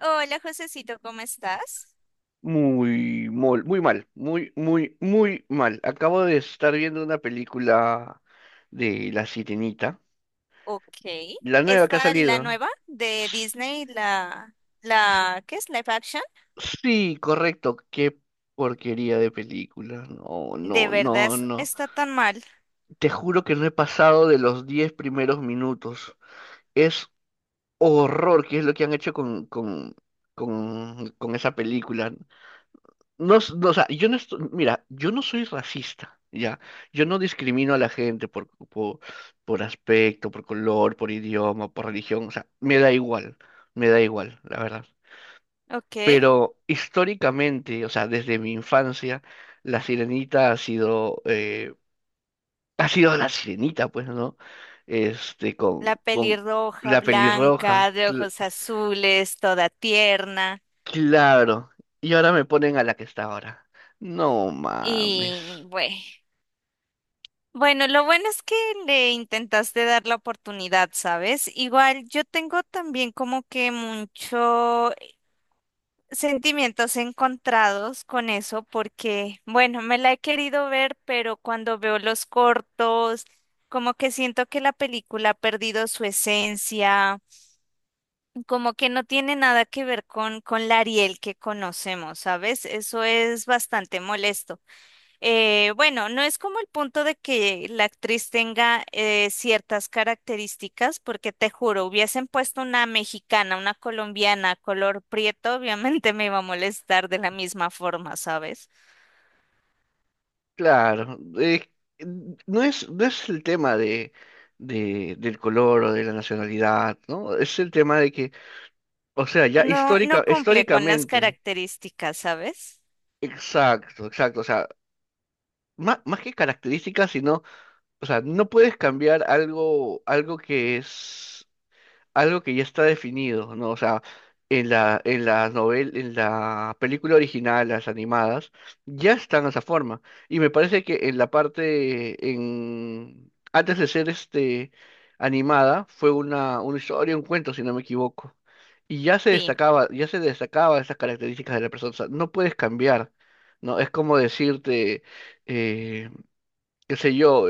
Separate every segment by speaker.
Speaker 1: Hola, Josecito, ¿cómo estás?
Speaker 2: Muy, muy mal, muy, muy, muy mal. Acabo de estar viendo una película de La Sirenita,
Speaker 1: Ok.
Speaker 2: la nueva que ha
Speaker 1: Está la
Speaker 2: salido.
Speaker 1: nueva de Disney, la, ¿qué es? Live action.
Speaker 2: Sí, correcto, qué porquería de película. No,
Speaker 1: De
Speaker 2: no,
Speaker 1: verdad
Speaker 2: no, no.
Speaker 1: está tan mal.
Speaker 2: Te juro que no he pasado de los 10 primeros minutos. Es horror, que es lo que han hecho con esa película. No, no, o sea, yo no estoy, mira, yo no soy racista, ¿ya? Yo no discrimino a la gente por aspecto, por color, por idioma, por religión, o sea, me da igual, la verdad.
Speaker 1: Ok.
Speaker 2: Pero históricamente, o sea, desde mi infancia, la sirenita ha sido la sirenita, pues, ¿no? Este, con,
Speaker 1: La
Speaker 2: con
Speaker 1: pelirroja,
Speaker 2: la pelirroja,
Speaker 1: blanca, de ojos azules, toda tierna.
Speaker 2: claro. Y ahora me ponen a la que está ahora. No mames.
Speaker 1: Y bueno, lo bueno es que le intentaste dar la oportunidad, ¿sabes? Igual yo tengo también como que mucho sentimientos encontrados con eso porque, bueno, me la he querido ver, pero cuando veo los cortos, como que siento que la película ha perdido su esencia, como que no tiene nada que ver con la Ariel que conocemos, ¿sabes? Eso es bastante molesto. Bueno, no es como el punto de que la actriz tenga ciertas características, porque te juro, hubiesen puesto una mexicana, una colombiana, color prieto, obviamente me iba a molestar de la misma forma, ¿sabes?
Speaker 2: Claro, no es, no es el tema de, del color o de la nacionalidad, ¿no? Es el tema de que, o sea, ya
Speaker 1: No, no cumple con las
Speaker 2: históricamente,
Speaker 1: características, ¿sabes?
Speaker 2: exacto, exacto, o sea, más, que características, sino, o sea, no puedes cambiar algo, algo que es algo que ya está definido, ¿no? O sea, en la, en la en la película original, las animadas, ya están de esa forma. Y me parece que en la parte, en, antes de ser este animada, fue una historia, un cuento, si no me equivoco. Y
Speaker 1: Sí.
Speaker 2: ya se destacaba esas características de la persona. O sea, no puedes cambiar, ¿no? Es como decirte, eh, qué sé yo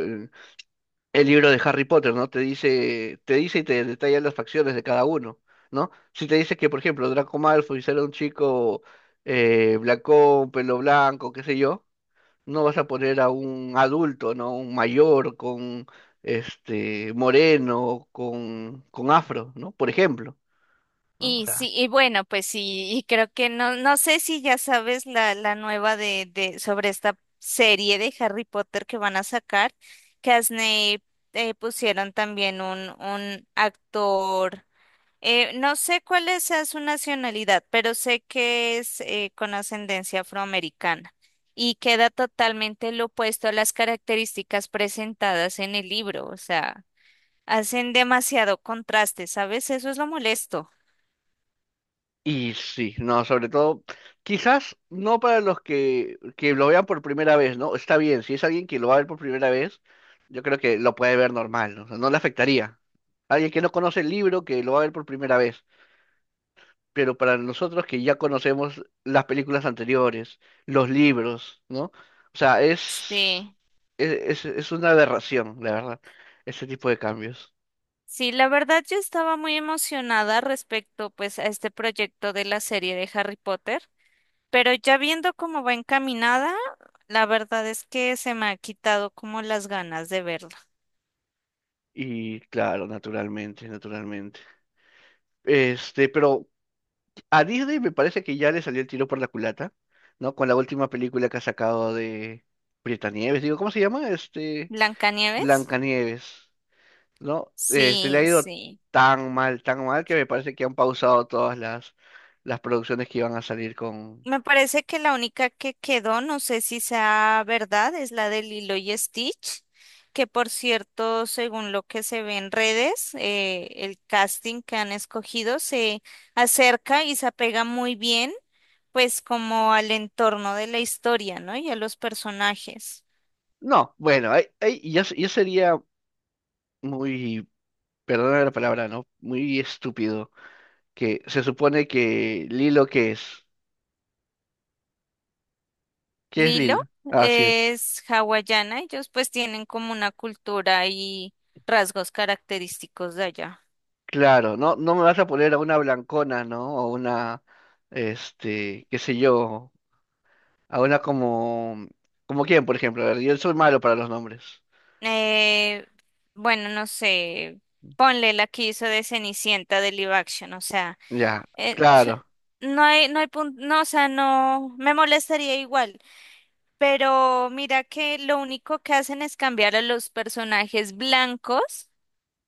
Speaker 2: el libro de Harry Potter, ¿no? Te dice y te detalla las facciones de cada uno, ¿no? Si te dice que, por ejemplo, Draco Malfoy será un chico blanco, pelo blanco, qué sé yo, no vas a poner a un adulto, ¿no? Un mayor con este moreno, con afro, ¿no? Por ejemplo, ¿no?
Speaker 1: Y sí, y bueno, pues sí, y creo que no, no sé si ya sabes la nueva de, sobre esta serie de Harry Potter que van a sacar, que a Snape pusieron también un actor, no sé cuál es sea su nacionalidad, pero sé que es con ascendencia afroamericana y queda totalmente lo opuesto a las características presentadas en el libro, o sea, hacen demasiado contraste, ¿sabes? Eso es lo molesto.
Speaker 2: Y sí, no, sobre todo, quizás no para los que lo vean por primera vez, ¿no? Está bien, si es alguien que lo va a ver por primera vez, yo creo que lo puede ver normal, ¿no? O sea, no le afectaría. Alguien que no conoce el libro, que lo va a ver por primera vez. Pero para nosotros que ya conocemos las películas anteriores, los libros, ¿no? O sea,
Speaker 1: Sí.
Speaker 2: es, es una aberración, la verdad, ese tipo de cambios.
Speaker 1: Sí, la verdad yo estaba muy emocionada respecto pues a este proyecto de la serie de Harry Potter, pero ya viendo cómo va encaminada, la verdad es que se me ha quitado como las ganas de verla.
Speaker 2: Y claro, naturalmente, naturalmente. Este, pero a Disney me parece que ya le salió el tiro por la culata, ¿no? Con la última película que ha sacado de Nieves, digo, ¿cómo se llama? Este,
Speaker 1: ¿Blancanieves?
Speaker 2: Blancanieves, ¿no? Este, le ha
Speaker 1: Sí,
Speaker 2: ido
Speaker 1: sí.
Speaker 2: tan mal que me parece que han pausado todas las producciones que iban a salir con...
Speaker 1: Me parece que la única que quedó, no sé si sea verdad, es la de Lilo y Stitch, que por cierto, según lo que se ve en redes, el casting que han escogido se acerca y se apega muy bien, pues como al entorno de la historia, ¿no? Y a los personajes.
Speaker 2: No, bueno, ahí ya, ya sería muy, perdona la palabra, ¿no? Muy estúpido que se supone que Lilo, ¿qué es? ¿Qué es
Speaker 1: Lilo
Speaker 2: Lilo? Así es.
Speaker 1: es hawaiana, ellos pues tienen como una cultura y rasgos característicos de allá.
Speaker 2: Claro, no, no me vas a poner a una blancona, ¿no? O una, este, qué sé yo, a una como, como quién, por ejemplo. A ver, yo soy malo para los nombres.
Speaker 1: Eh, bueno, no sé, ponle la que hizo de Cenicienta de live action, o sea,
Speaker 2: Ya,
Speaker 1: eh, ch-
Speaker 2: claro,
Speaker 1: no hay punto, no, o sea, no, me molestaría igual, pero mira que lo único que hacen es cambiar a los personajes blancos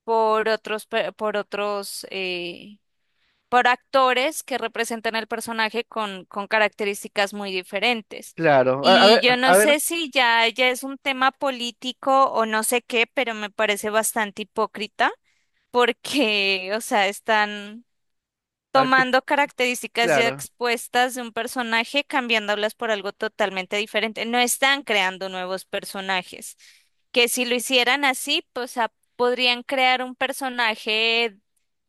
Speaker 1: por otros, por otros, por actores que representan al personaje con características muy diferentes.
Speaker 2: claro.
Speaker 1: Y yo no sé si ya es un tema político o no sé qué, pero me parece bastante hipócrita porque, o sea, están
Speaker 2: A ver qué,
Speaker 1: tomando características ya
Speaker 2: claro,
Speaker 1: expuestas de un personaje, cambiándolas por algo totalmente diferente. No están creando nuevos personajes, que si lo hicieran así, pues ah, podrían crear un personaje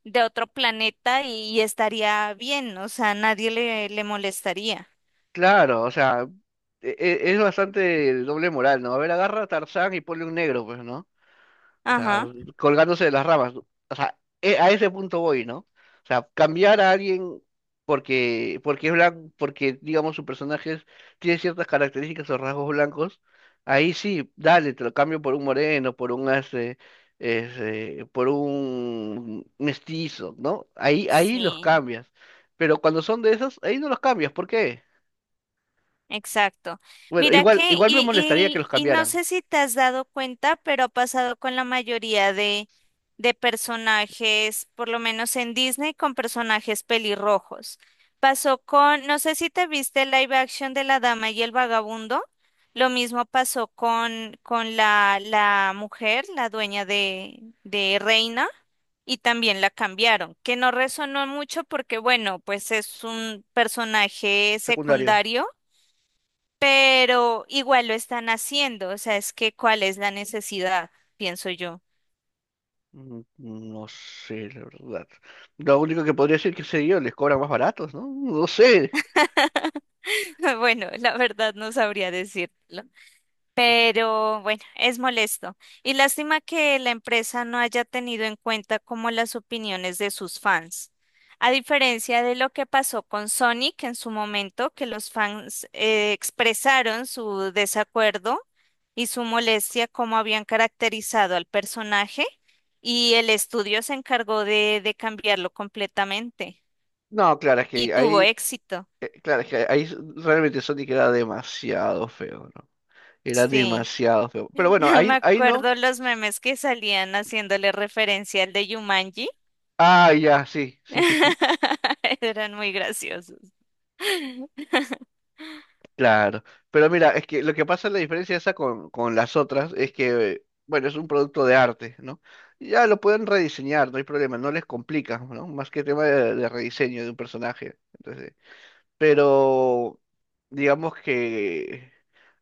Speaker 1: de otro planeta y estaría bien, o sea, nadie le, le molestaría.
Speaker 2: claro, o sea, es bastante doble moral, ¿no? A ver, agarra a Tarzán y ponle un negro, pues, ¿no? O sea,
Speaker 1: Ajá.
Speaker 2: colgándose de las ramas. ¿No? O sea, a ese punto voy, ¿no? O sea, cambiar a alguien porque, porque es blanco, porque, digamos, su tiene ciertas características o rasgos blancos, ahí sí, dale, te lo cambio por un moreno, por un este, este, por un mestizo, ¿no? Ahí, ahí los
Speaker 1: Sí.
Speaker 2: cambias. Pero cuando son de esos, ahí no los cambias. ¿Por qué?
Speaker 1: Exacto.
Speaker 2: Bueno,
Speaker 1: Mira
Speaker 2: igual,
Speaker 1: que,
Speaker 2: igual me molestaría que los
Speaker 1: y no
Speaker 2: cambiaran,
Speaker 1: sé si te has dado cuenta, pero ha pasado con la mayoría de personajes, por lo menos en Disney, con personajes pelirrojos. Pasó con, no sé si te viste el live action de La Dama y el Vagabundo. Lo mismo pasó con la mujer, la dueña de Reina, y también la cambiaron, que no resonó mucho porque, bueno, pues es un personaje
Speaker 2: secundario.
Speaker 1: secundario, pero igual lo están haciendo, o sea, es que cuál es la necesidad, pienso yo.
Speaker 2: Mm, no sé, la verdad. Lo único que podría decir que sé yo, les cobran más baratos, ¿no? No sé.
Speaker 1: Bueno, la verdad no sabría decirlo. Pero bueno, es molesto. Y lástima que la empresa no haya tenido en cuenta como las opiniones de sus fans. A diferencia de lo que pasó con Sonic en su momento, que los fans expresaron su desacuerdo y su molestia como habían caracterizado al personaje y el estudio se encargó de cambiarlo completamente
Speaker 2: No, claro, es
Speaker 1: y
Speaker 2: que
Speaker 1: tuvo
Speaker 2: ahí,
Speaker 1: éxito.
Speaker 2: claro, es que realmente Sonic era demasiado feo, ¿no? Era
Speaker 1: Sí.
Speaker 2: demasiado feo. Pero bueno,
Speaker 1: Me
Speaker 2: ahí, ahí no.
Speaker 1: acuerdo los memes que salían haciéndole referencia al de Yumanji.
Speaker 2: Ah, ya, sí, sí, sí, sí.
Speaker 1: Eran muy graciosos.
Speaker 2: Claro. Pero mira, es que lo que pasa, la diferencia esa con las otras es que, bueno, es un producto de arte, ¿no? Ya lo pueden rediseñar, no hay problema, no les complica, ¿no? Más que tema de rediseño de un personaje. Entonces. Pero digamos que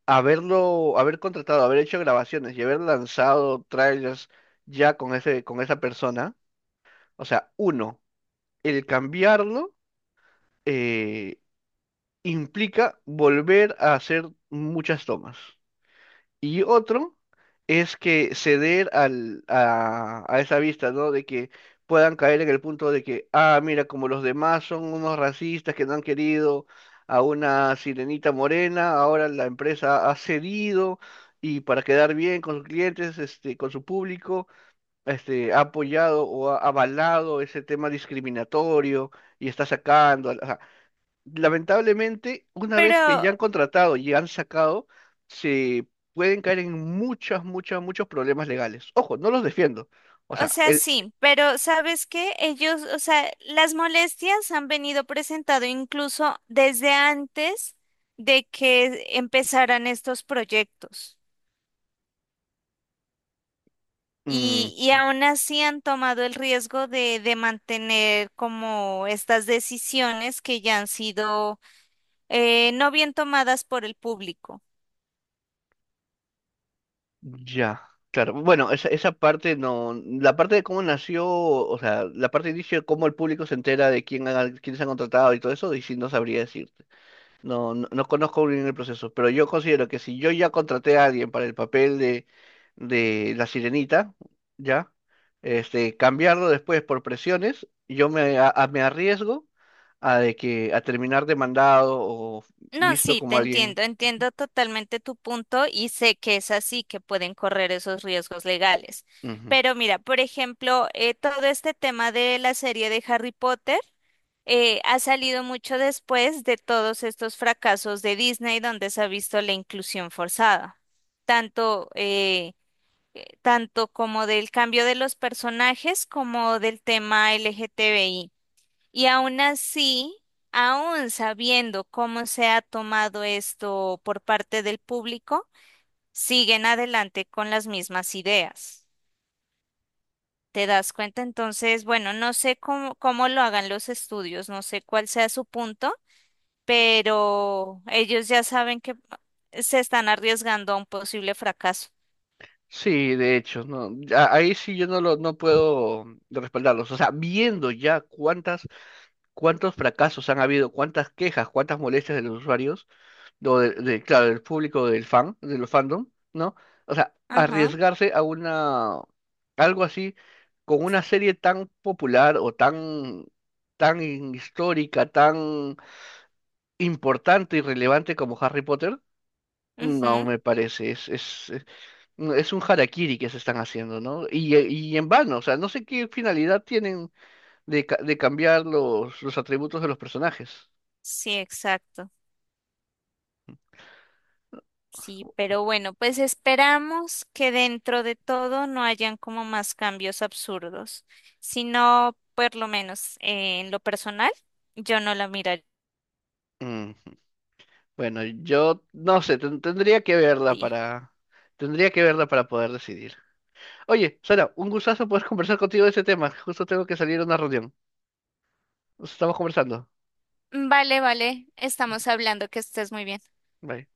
Speaker 2: haberlo, haber contratado, haber hecho grabaciones y haber lanzado trailers ya con ese, con esa persona, o sea, uno, el cambiarlo eh, implica volver a hacer muchas tomas. Y otro es que ceder al, a esa vista, ¿no? De que puedan caer en el punto de que, ah, mira, como los demás son unos racistas que no han querido a una sirenita morena, ahora la empresa ha cedido y para quedar bien con sus clientes, este, con su público, este, ha apoyado o ha avalado ese tema discriminatorio y está sacando lamentablemente, una vez que
Speaker 1: Pero,
Speaker 2: ya han contratado y han sacado, se pueden caer en muchas, muchas, muchos problemas legales. Ojo, no los defiendo. O
Speaker 1: o
Speaker 2: sea,
Speaker 1: sea,
Speaker 2: el...
Speaker 1: sí, pero ¿sabes qué? Ellos, o sea, las molestias han venido presentado incluso desde antes de que empezaran estos proyectos.
Speaker 2: Mm,
Speaker 1: Y aún así han tomado el riesgo de mantener como estas decisiones que ya han sido no bien tomadas por el público.
Speaker 2: ya, claro. Bueno, esa parte no... La parte de cómo nació, o sea, la parte de inicio de cómo el público se entera de quién, quiénes han contratado y todo eso, y sí no sabría decir. No, no, no conozco bien el proceso, pero yo considero que si yo ya contraté a alguien para el papel de la sirenita, ya, este, cambiarlo después por presiones, yo me, a- me arriesgo a de que a terminar demandado o
Speaker 1: No,
Speaker 2: visto
Speaker 1: sí, te
Speaker 2: como alguien.
Speaker 1: entiendo, entiendo totalmente tu punto y sé que es así que pueden correr esos riesgos legales.
Speaker 2: Ujú.
Speaker 1: Pero mira, por ejemplo, todo este tema de la serie de Harry Potter ha salido mucho después de todos estos fracasos de Disney donde se ha visto la inclusión forzada, tanto, eh, tanto como del cambio de los personajes como del tema LGTBI. Y aún así, aún sabiendo cómo se ha tomado esto por parte del público, siguen adelante con las mismas ideas. ¿Te das cuenta? Entonces, bueno, no sé cómo lo hagan los estudios, no sé cuál sea su punto, pero ellos ya saben que se están arriesgando a un posible fracaso.
Speaker 2: Sí, de hecho, no, ya ahí sí yo no lo, no puedo respaldarlos. O sea, viendo ya cuántas, cuántos fracasos han habido, cuántas quejas, cuántas molestias de los usuarios. O de, claro, del público del fan, de los fandom, ¿no? O sea,
Speaker 1: Ajá,
Speaker 2: arriesgarse a una, algo así, con una serie tan popular o tan, tan histórica, tan importante y relevante como Harry Potter, no
Speaker 1: ujú,
Speaker 2: me parece, es, es un harakiri que se están haciendo, ¿no? Y en vano, o sea, no sé qué finalidad tienen de, de cambiar los atributos de los personajes.
Speaker 1: sí, exacto. Sí, pero bueno, pues esperamos que dentro de todo no hayan como más cambios absurdos, sino por lo menos en lo personal, yo no la miraría.
Speaker 2: Bueno, yo no sé, tendría que verla para, tendría que verla para poder decidir. Oye, Sara, un gustazo poder conversar contigo de este tema. Justo tengo que salir a una reunión. Nos estamos conversando.
Speaker 1: Vale, vale, estamos hablando, que estés muy bien.
Speaker 2: Bye.